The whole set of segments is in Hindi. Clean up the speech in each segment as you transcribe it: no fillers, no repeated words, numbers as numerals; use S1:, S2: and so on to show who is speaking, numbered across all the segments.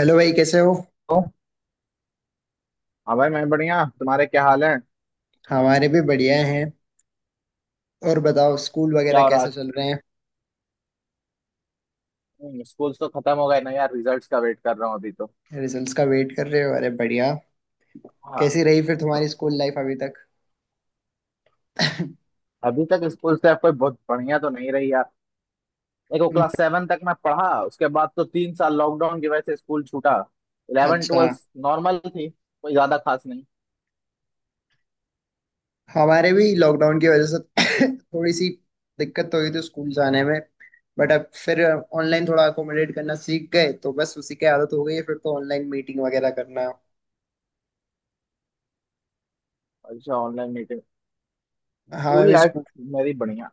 S1: हेलो भाई कैसे हो।
S2: तो हाँ भाई, मैं बढ़िया। तुम्हारे क्या हाल है?
S1: हमारे भी बढ़िया हैं। और बताओ स्कूल
S2: क्या
S1: वगैरह
S2: हो रहा है
S1: कैसे
S2: आज?
S1: चल रहे हैं।
S2: स्कूल तो खत्म हो गए ना यार, रिजल्ट्स का वेट कर रहा हूँ अभी तो।
S1: रिजल्ट्स का वेट कर रहे हो, अरे बढ़िया।
S2: हाँ।
S1: कैसी रही फिर तुम्हारी स्कूल लाइफ अभी तक।
S2: अभी तक स्कूल से कोई बहुत बढ़िया तो नहीं रही यार। देखो,
S1: हम्म,
S2: क्लास 7 तक मैं पढ़ा, उसके बाद तो 3 साल लॉकडाउन की वजह से स्कूल छूटा। इलेवन
S1: अच्छा।
S2: ट्वेल्थ नॉर्मल थी, कोई ज्यादा खास नहीं।
S1: हमारे भी लॉकडाउन की वजह से थोड़ी सी दिक्कत तो हुई थी स्कूल जाने में। बट अब फिर ऑनलाइन थोड़ा अकोमोडेट करना सीख गए तो बस उसी की आदत हो गई है फिर तो ऑनलाइन मीटिंग वगैरह करना।
S2: अच्छा, ऑनलाइन मीटिंग,
S1: हमें
S2: स्कूल
S1: भी
S2: लाइफ
S1: स्कूल।
S2: मेरी बढ़िया।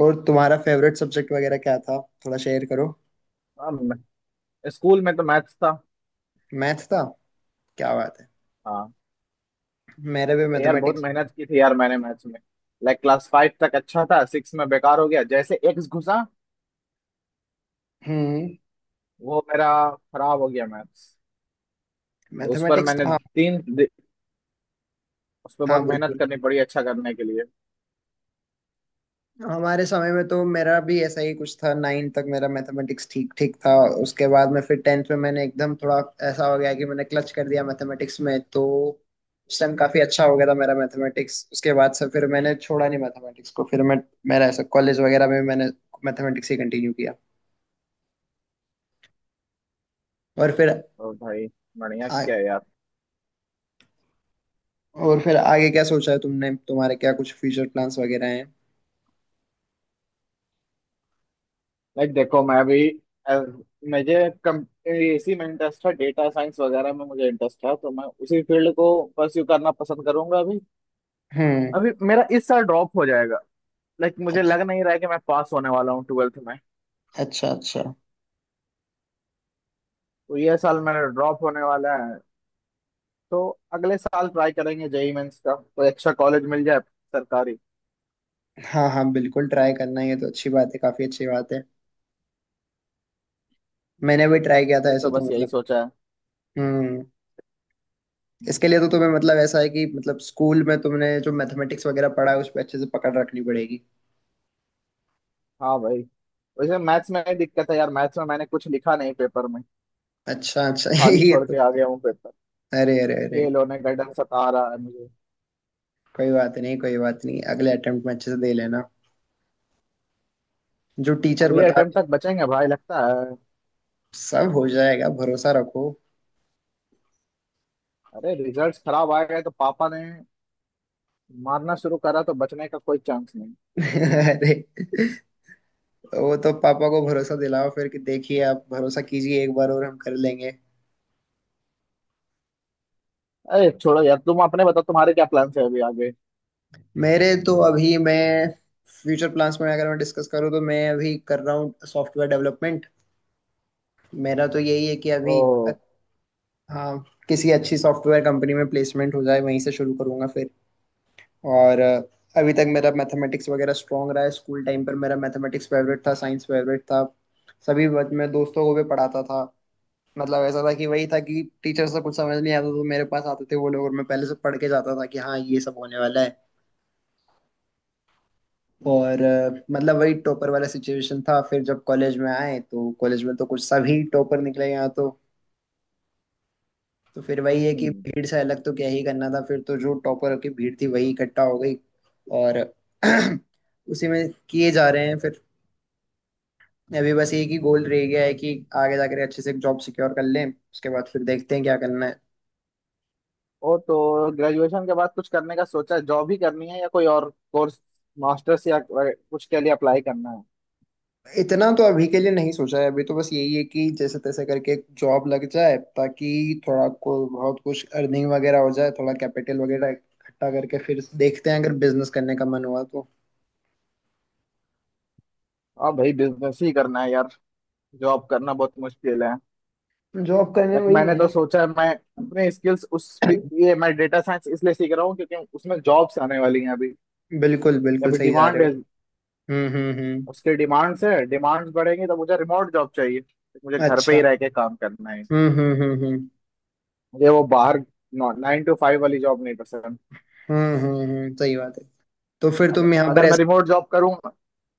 S1: और तुम्हारा फेवरेट सब्जेक्ट वगैरह क्या था, थोड़ा शेयर करो।
S2: हाँ, स्कूल में तो मैथ्स था।
S1: मैथ था, क्या बात है।
S2: हाँ,
S1: मेरे भी
S2: तो यार बहुत
S1: मैथमेटिक्स।
S2: मेहनत की थी यार मैंने मैथ्स में। लाइक क्लास 5 तक अच्छा था, 6 में बेकार हो गया, जैसे एक्स घुसा,
S1: हम्म।
S2: वो मेरा खराब हो गया मैथ्स। तो उस पर
S1: मैथमेटिक्स
S2: मैंने
S1: तो हाँ,
S2: उस पर
S1: हाँ
S2: बहुत मेहनत
S1: बिल्कुल।
S2: करनी पड़ी अच्छा करने के लिए।
S1: हमारे समय में तो मेरा भी ऐसा ही कुछ था, 9 तक मेरा मैथमेटिक्स ठीक ठीक था। उसके बाद में फिर 10th में मैंने एकदम थोड़ा ऐसा हो गया कि मैंने क्लच कर दिया मैथमेटिक्स में तो उस टाइम काफी अच्छा हो गया था मेरा मैथमेटिक्स। उसके बाद से फिर मैंने छोड़ा नहीं मैथमेटिक्स को फिर मैं मेरा ऐसा कॉलेज वगैरह में मैंने मैथमेटिक्स ही कंटिन्यू किया। और फिर
S2: और भाई, बढ़िया
S1: आ,
S2: क्या है यार।
S1: और फिर आगे क्या सोचा है तुमने, तुम्हारे क्या कुछ फ्यूचर प्लान्स वगैरह हैं।
S2: लाइक देखो, मैं भी अ, मुझे इसी में इंटरेस्ट था, डेटा साइंस वगैरह में मुझे इंटरेस्ट था, तो मैं उसी फील्ड को परस्यू करना पसंद करूंगा अभी।
S1: हम्म।
S2: अभी मेरा इस साल ड्रॉप हो जाएगा, लाइक मुझे
S1: अच्छा
S2: लग नहीं रहा है कि मैं पास होने वाला हूँ 12th में।
S1: अच्छा अच्छा।
S2: तो ये साल मेरा ड्रॉप होने वाला है। तो अगले साल ट्राई करेंगे JEE मेंस का, कोई अच्छा कॉलेज मिल जाए सरकारी।
S1: हाँ हाँ बिल्कुल, ट्राई करना ये तो अच्छी बात है, काफी अच्छी बात है। मैंने भी ट्राई किया था
S2: अभी
S1: ऐसा
S2: तो
S1: तो
S2: बस यही
S1: मतलब।
S2: सोचा है।
S1: हम्म। इसके लिए तो तुम्हें मतलब ऐसा है कि मतलब स्कूल में तुमने जो मैथमेटिक्स वगैरह पढ़ा है उस पर अच्छे से पकड़ रखनी पड़ेगी।
S2: हाँ भाई। वैसे मैथ्स में दिक्कत है यार, मैथ्स में मैंने कुछ लिखा नहीं पेपर में,
S1: अच्छा अच्छा
S2: खाली
S1: ये
S2: छोड़
S1: तो।
S2: के आ गया हूँ पेपर।
S1: अरे अरे अरे,
S2: फेल होने का डर सता रहा है मुझे।
S1: कोई बात नहीं कोई बात नहीं, अगले अटेम्प्ट में अच्छे से दे लेना, जो टीचर
S2: अगले
S1: बता
S2: अटेम्प्ट
S1: दे।
S2: तक बचेंगे भाई लगता है।
S1: सब हो जाएगा, भरोसा रखो।
S2: अरे, रिजल्ट्स खराब आ गए तो पापा ने मारना शुरू करा, तो बचने का कोई चांस नहीं।
S1: अरे, वो तो पापा को भरोसा दिलाओ फिर कि देखिए आप भरोसा कीजिए एक बार और हम कर लेंगे।
S2: अरे छोड़ो यार, तुम अपने बताओ, तुम्हारे क्या प्लान्स है अभी आगे।
S1: मेरे तो अभी मैं फ्यूचर प्लान्स में अगर मैं डिस्कस करूँ तो मैं अभी कर रहा हूँ सॉफ्टवेयर डेवलपमेंट। मेरा तो यही है कि
S2: ओ।
S1: अभी अ- हाँ, किसी अच्छी सॉफ्टवेयर कंपनी में प्लेसमेंट हो जाए वहीं से शुरू करूँगा फिर। और अभी तक मेरा मैथमेटिक्स वगैरह स्ट्रांग रहा है, स्कूल टाइम पर मेरा मैथमेटिक्स फेवरेट था, साइंस फेवरेट था। सभी वक्त मैं दोस्तों को भी पढ़ाता था। मतलब ऐसा था कि वही था कि टीचर से कुछ समझ नहीं आता तो मेरे पास आते थे वो लोग और मैं पहले से पढ़ के जाता था कि हाँ ये सब होने वाला है। और मतलब वही टॉपर वाला सिचुएशन था। फिर जब कॉलेज में आए तो कॉलेज में तो कुछ सभी टॉपर निकले यहाँ तो। तो फिर वही है कि
S2: हम्म।
S1: भीड़ से अलग तो क्या ही करना था, फिर तो जो टॉपर की भीड़ थी वही इकट्ठा हो गई। और उसी में किए जा रहे हैं फिर। अभी बस एक ही गोल रह गया है कि आगे जाकर अच्छे से एक जॉब सिक्योर कर लें, उसके बाद फिर देखते हैं क्या करना है।
S2: ओ, तो ग्रेजुएशन के बाद कुछ करने का सोचा है? जॉब ही करनी है या कोई और कोर्स, मास्टर्स या कुछ के लिए अप्लाई करना है?
S1: इतना तो अभी के लिए नहीं सोचा है, अभी तो बस यही है कि जैसे तैसे करके एक जॉब लग जाए ताकि थोड़ा को बहुत कुछ अर्निंग वगैरह हो जाए, थोड़ा कैपिटल वगैरह इकट्ठा करके फिर देखते हैं अगर बिजनेस करने का मन हुआ तो।
S2: हाँ भाई, बिजनेस ही करना है यार। जॉब करना बहुत मुश्किल है।
S1: जॉब करने
S2: लेकिन
S1: वही
S2: मैंने
S1: है ना।
S2: तो सोचा है, मैं अपने स्किल्स उस ये मैं डेटा साइंस इसलिए सीख रहा हूँ क्योंकि उसमें जॉब्स आने वाली हैं अभी।
S1: बिल्कुल बिल्कुल,
S2: अभी
S1: सही जा
S2: डिमांड
S1: रहे हो।
S2: है।
S1: हम्म।
S2: उसके डिमांड्स है, डिमांड्स बढ़ेंगी तो मुझे रिमोट जॉब चाहिए, तो मुझे घर पे ही
S1: अच्छा।
S2: रह के काम करना है।
S1: हम्म हम्म हम्म हम्म
S2: मुझे वो बाहर 9 to 5 वाली जॉब नहीं पसंद।
S1: सही बात है। तो फिर
S2: अगर
S1: तुम यहाँ पर
S2: अगर मैं
S1: ऐसा
S2: रिमोट जॉब करूंगा।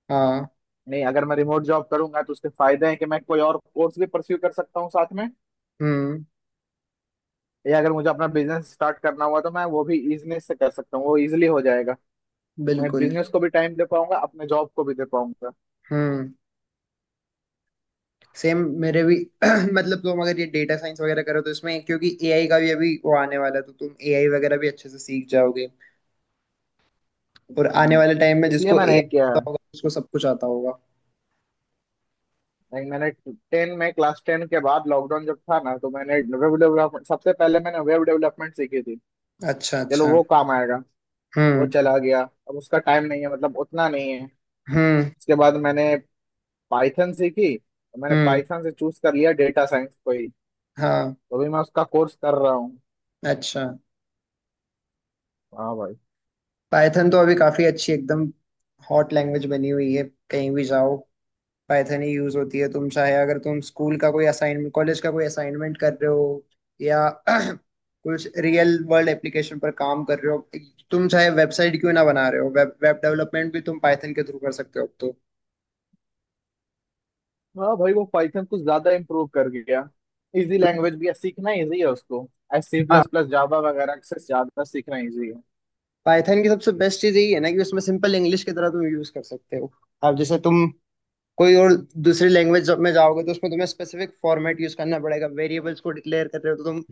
S1: हाँ।
S2: नहीं, अगर मैं रिमोट जॉब करूंगा तो उसके फायदे हैं कि मैं कोई और कोर्स भी परस्यू कर सकता हूँ साथ में,
S1: हम्म
S2: या अगर मुझे अपना बिजनेस स्टार्ट करना हुआ तो मैं वो भी इजनेस से कर सकता हूँ, वो इजिली हो जाएगा। मैं
S1: बिल्कुल।
S2: बिजनेस को भी टाइम दे पाऊंगा, अपने जॉब को भी दे पाऊंगा।
S1: हम्म। सेम मेरे भी। मतलब तुम अगर ये डेटा साइंस वगैरह करो तो इसमें क्योंकि एआई का भी अभी वो आने वाला है तो तुम एआई वगैरह भी अच्छे से सीख जाओगे। और आने वाले टाइम में
S2: हम्म। इसलिए
S1: जिसको
S2: मैंने
S1: एआई
S2: एक किया
S1: आता
S2: है,
S1: होगा उसको सब कुछ आता होगा।
S2: लाइक मैंने टेन में क्लास 10 के बाद लॉकडाउन जब था ना, तो मैंने वेब डेवलपमेंट सबसे पहले मैंने वेब डेवलपमेंट सीखी थी।
S1: अच्छा
S2: चलो
S1: अच्छा।
S2: वो काम आएगा। वो
S1: हम्म
S2: चला गया। अब उसका टाइम नहीं है, मतलब उतना नहीं है।
S1: हम्म
S2: उसके बाद मैंने पाइथन सीखी, तो मैंने
S1: हम्म।
S2: पाइथन से चूज कर लिया डेटा साइंस को ही।
S1: हाँ।
S2: तो अभी मैं उसका कोर्स कर रहा हूँ।
S1: अच्छा।
S2: हाँ भाई।
S1: पाइथन तो अभी काफी अच्छी एकदम हॉट लैंग्वेज बनी हुई है, कहीं भी जाओ पाइथन ही यूज होती है। तुम चाहे अगर तुम स्कूल का कोई असाइनमेंट कॉलेज का कोई असाइनमेंट कर रहे हो या कुछ रियल वर्ल्ड एप्लीकेशन पर काम कर रहे हो, तुम चाहे वेबसाइट क्यों ना बना रहे हो, वेब वेब डेवलपमेंट भी तुम पाइथन के थ्रू कर सकते हो अब तो।
S2: हाँ भाई, वो पाइथन कुछ ज्यादा इम्प्रूव कर गया। इजी लैंग्वेज भी है, सीखना इजी है उसको। एस सी
S1: हाँ।
S2: प्लस प्लस जावा वगैरह से ज्यादा सीखना इजी है।
S1: पाइथन की सबसे बेस्ट चीज यही है ना कि उसमें सिंपल इंग्लिश की तरह तुम यूज कर सकते हो। अब जैसे तुम कोई और दूसरी लैंग्वेज में जाओगे तो उसमें तुम्हें स्पेसिफिक फॉर्मेट यूज करना पड़ेगा, वेरिएबल्स को डिक्लेयर कर रहे हो तो तुम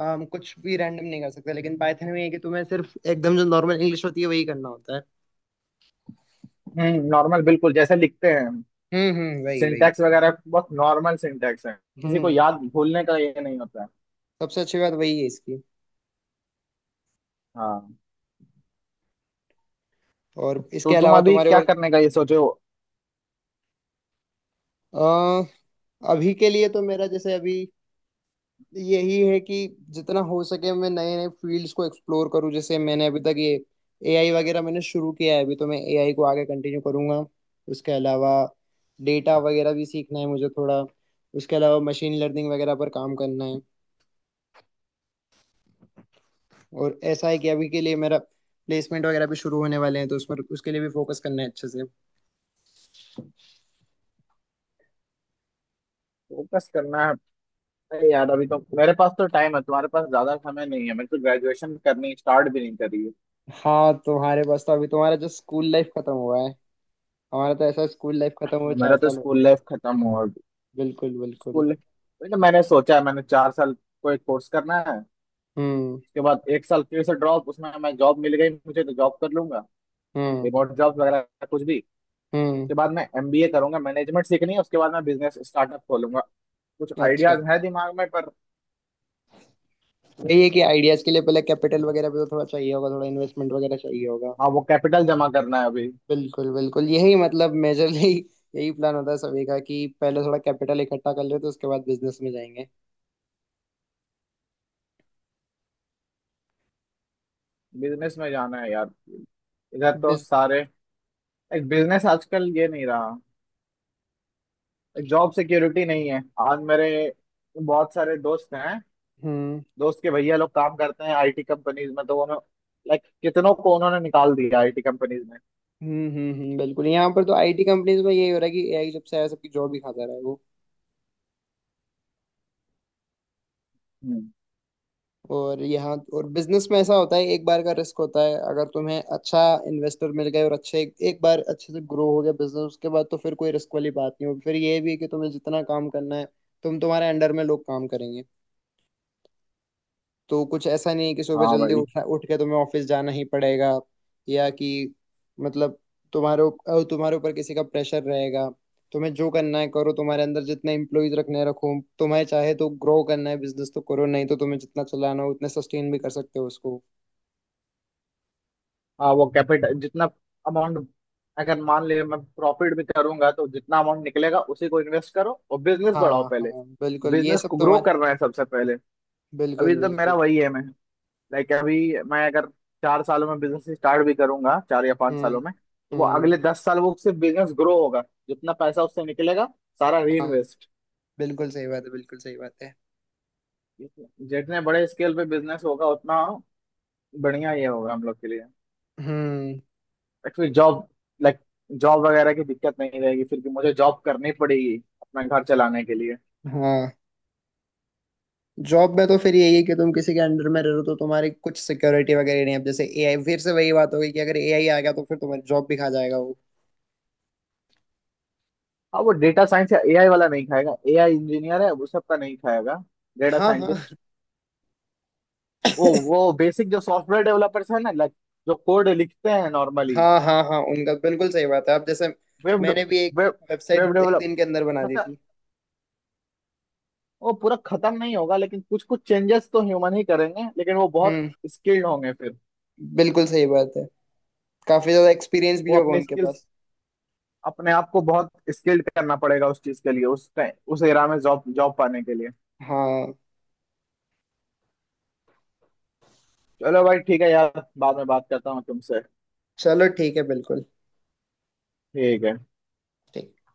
S1: कुछ भी रैंडम नहीं कर सकते। लेकिन पाइथन में ये है कि तुम्हें सिर्फ एकदम जो नॉर्मल इंग्लिश होती है वही करना होता है।
S2: नॉर्मल, बिल्कुल जैसे लिखते हैं।
S1: वही वही।
S2: सिंटैक्स वगैरह बहुत नॉर्मल सिंटैक्स है। किसी को
S1: हम्म।
S2: याद भूलने का ये नहीं होता है।
S1: सबसे अच्छी बात वही है इसकी।
S2: हाँ,
S1: और इसके
S2: तो तुम
S1: अलावा
S2: अभी
S1: तुम्हारे
S2: क्या
S1: और
S2: करने का ये सोचे हो?
S1: अ, अभी के लिए तो मेरा जैसे अभी यही है कि जितना हो सके मैं नए नए फील्ड्स को एक्सप्लोर करूं। जैसे मैंने अभी तक ये एआई वगैरह मैंने शुरू किया है, अभी तो मैं एआई को आगे कंटिन्यू करूंगा। उसके अलावा डेटा वगैरह भी सीखना है मुझे थोड़ा, उसके अलावा मशीन लर्निंग वगैरह पर काम करना है। और ऐसा है कि अभी के लिए मेरा प्लेसमेंट वगैरह भी शुरू होने वाले हैं तो उस पर उसके लिए भी फोकस करना है अच्छे से।
S2: फोकस करना है। अरे यार, अभी तो मेरे पास तो टाइम है, तुम्हारे पास ज्यादा समय नहीं है, मैंने तो ग्रेजुएशन करनी स्टार्ट भी नहीं करी है।
S1: हाँ, तुम्हारे पास तो अभी तुम्हारा जो स्कूल लाइफ खत्म हुआ है, हमारा तो ऐसा स्कूल लाइफ खत्म
S2: हाँ,
S1: हुए
S2: मेरा
S1: चार
S2: तो
S1: साल हो गए।
S2: स्कूल लाइफ खत्म हुआ।
S1: बिल्कुल बिल्कुल।
S2: स्कूल लाइफ मैंने सोचा है, मैंने 4 साल कोई कोर्स करना है।
S1: हम्म
S2: उसके बाद एक साल फिर से ड्रॉप, उसमें मैं जॉब मिल गई मुझे तो जॉब कर लूंगा,
S1: हम्म
S2: रिमोट जॉब वगैरह कुछ भी।
S1: हम्म।
S2: उसके बाद मैं MBA करूंगा, मैनेजमेंट सीखनी है, उसके बाद मैं बिजनेस स्टार्टअप खोलूंगा। कुछ
S1: अच्छा,
S2: आइडियाज है दिमाग में पर।
S1: वही है कि आइडियाज के लिए पहले कैपिटल वगैरह भी तो थोड़ा चाहिए होगा, थोड़ा इन्वेस्टमेंट वगैरह चाहिए होगा।
S2: हाँ, वो कैपिटल जमा करना है अभी।
S1: बिल्कुल बिल्कुल, यही मतलब मेजरली यही प्लान होता है सभी का कि पहले थोड़ा कैपिटल इकट्ठा कर लेते हैं उसके बाद बिजनेस में जाएंगे।
S2: बिजनेस में जाना है यार। इधर तो
S1: बिज।
S2: सारे एक बिजनेस आजकल ये नहीं रहा, एक जॉब सिक्योरिटी नहीं है। आज मेरे बहुत सारे दोस्त हैं,
S1: हम्म
S2: दोस्त के भैया लोग काम करते हैं IT कंपनीज में, तो उन्होंने लाइक कितनों को उन्होंने निकाल दिया IT कंपनीज में।
S1: बिल्कुल। यहाँ पर तो आईटी कंपनीज में यही हो रहा है कि एआई जब से आया सबकी जॉब ही खाता रहा है वो।
S2: हम्म।
S1: और यहाँ और बिजनेस में ऐसा होता है, एक बार का रिस्क होता है। अगर तुम्हें अच्छा इन्वेस्टर मिल गए और अच्छे एक बार अच्छे से ग्रो हो गया बिजनेस, उसके बाद तो फिर कोई रिस्क वाली बात नहीं होगी। फिर ये भी है कि तुम्हें जितना काम करना है, तुम तुम्हारे अंडर में लोग काम करेंगे, तो कुछ ऐसा नहीं है कि सुबह
S2: हाँ
S1: जल्दी
S2: भाई।
S1: उठना उठ के तुम्हें ऑफिस जाना ही पड़ेगा। या कि मतलब तुम्हारे ऊपर किसी का प्रेशर रहेगा। तुम्हें जो करना है करो, तुम्हारे अंदर जितने एम्प्लॉयज रखने हैं रखो। तुम्हें चाहे तो ग्रो करना है बिजनेस तो करो, नहीं तो तुम्हें जितना चलाना हो उतने सस्टेन भी कर सकते हो उसको।
S2: हाँ, वो कैपिटल जितना अमाउंट, अगर मान ले मैं प्रॉफिट भी करूंगा तो जितना अमाउंट निकलेगा उसी को इन्वेस्ट करो और बिजनेस बढ़ाओ
S1: हाँ
S2: पहले।
S1: हाँ बिल्कुल, ये
S2: बिजनेस
S1: सब
S2: को ग्रो
S1: तुम्हारे।
S2: करना है सबसे पहले। अभी
S1: बिल्कुल
S2: तो
S1: बिल्कुल।
S2: मेरा वही है। मैं लाइक अभी मैं अगर 4 सालों में बिजनेस स्टार्ट भी करूंगा, 4 या 5 सालों
S1: हम्म
S2: में, तो वो
S1: हम्म।
S2: अगले 10 साल वो सिर्फ बिजनेस ग्रो होगा। जितना पैसा उससे निकलेगा सारा
S1: हाँ
S2: रीइन्वेस्ट।
S1: बिल्कुल सही बात है, बिल्कुल सही बात है।
S2: जितने बड़े स्केल पे बिजनेस होगा उतना बढ़िया ये होगा हम लोग के लिए।
S1: हम्म।
S2: फिर लाइक जॉब वगैरह की दिक्कत नहीं रहेगी, फिर भी मुझे जॉब करनी पड़ेगी अपना घर चलाने के लिए।
S1: हाँ, जॉब में तो फिर यही है कि तुम किसी के अंडर में रह रहे हो तो तुम्हारी कुछ सिक्योरिटी वगैरह नहीं है। अब जैसे एआई फिर से वही बात हो गई कि अगर एआई आ गया तो फिर तुम्हारी जॉब भी खा जाएगा वो।
S2: हाँ, वो डेटा साइंस या AI वाला नहीं खाएगा, AI इंजीनियर है वो सबका नहीं खाएगा, डेटा
S1: हाँ हाँ।
S2: साइंटिस्ट। वो वो बेसिक जो सॉफ्टवेयर डेवलपर्स है ना, लाइक जो कोड लिखते हैं नॉर्मली।
S1: हाँ हाँ हाँ, उनका बिल्कुल सही बात है। अब जैसे
S2: वेब
S1: मैंने भी एक
S2: वेब
S1: वेबसाइट
S2: वेब
S1: एक
S2: डेवलप
S1: दिन के अंदर बना दी
S2: खत्म।
S1: थी।
S2: वो पूरा खत्म नहीं होगा लेकिन कुछ कुछ चेंजेस तो ह्यूमन ही करेंगे, लेकिन वो बहुत
S1: हम्म।
S2: स्किल्ड होंगे फिर।
S1: बिल्कुल सही बात है, काफी ज्यादा एक्सपीरियंस भी
S2: वो
S1: होगा
S2: अपने
S1: उनके
S2: स्किल्स
S1: पास।
S2: अपने आप को बहुत स्किल्ड करना पड़ेगा उस चीज के लिए, उस टाइम उस एरा में जॉब जॉब पाने के लिए।
S1: हाँ।
S2: चलो भाई, ठीक है यार, बाद में बात करता हूँ तुमसे।
S1: चलो ठीक है, बिल्कुल
S2: ठीक है।
S1: ठीक।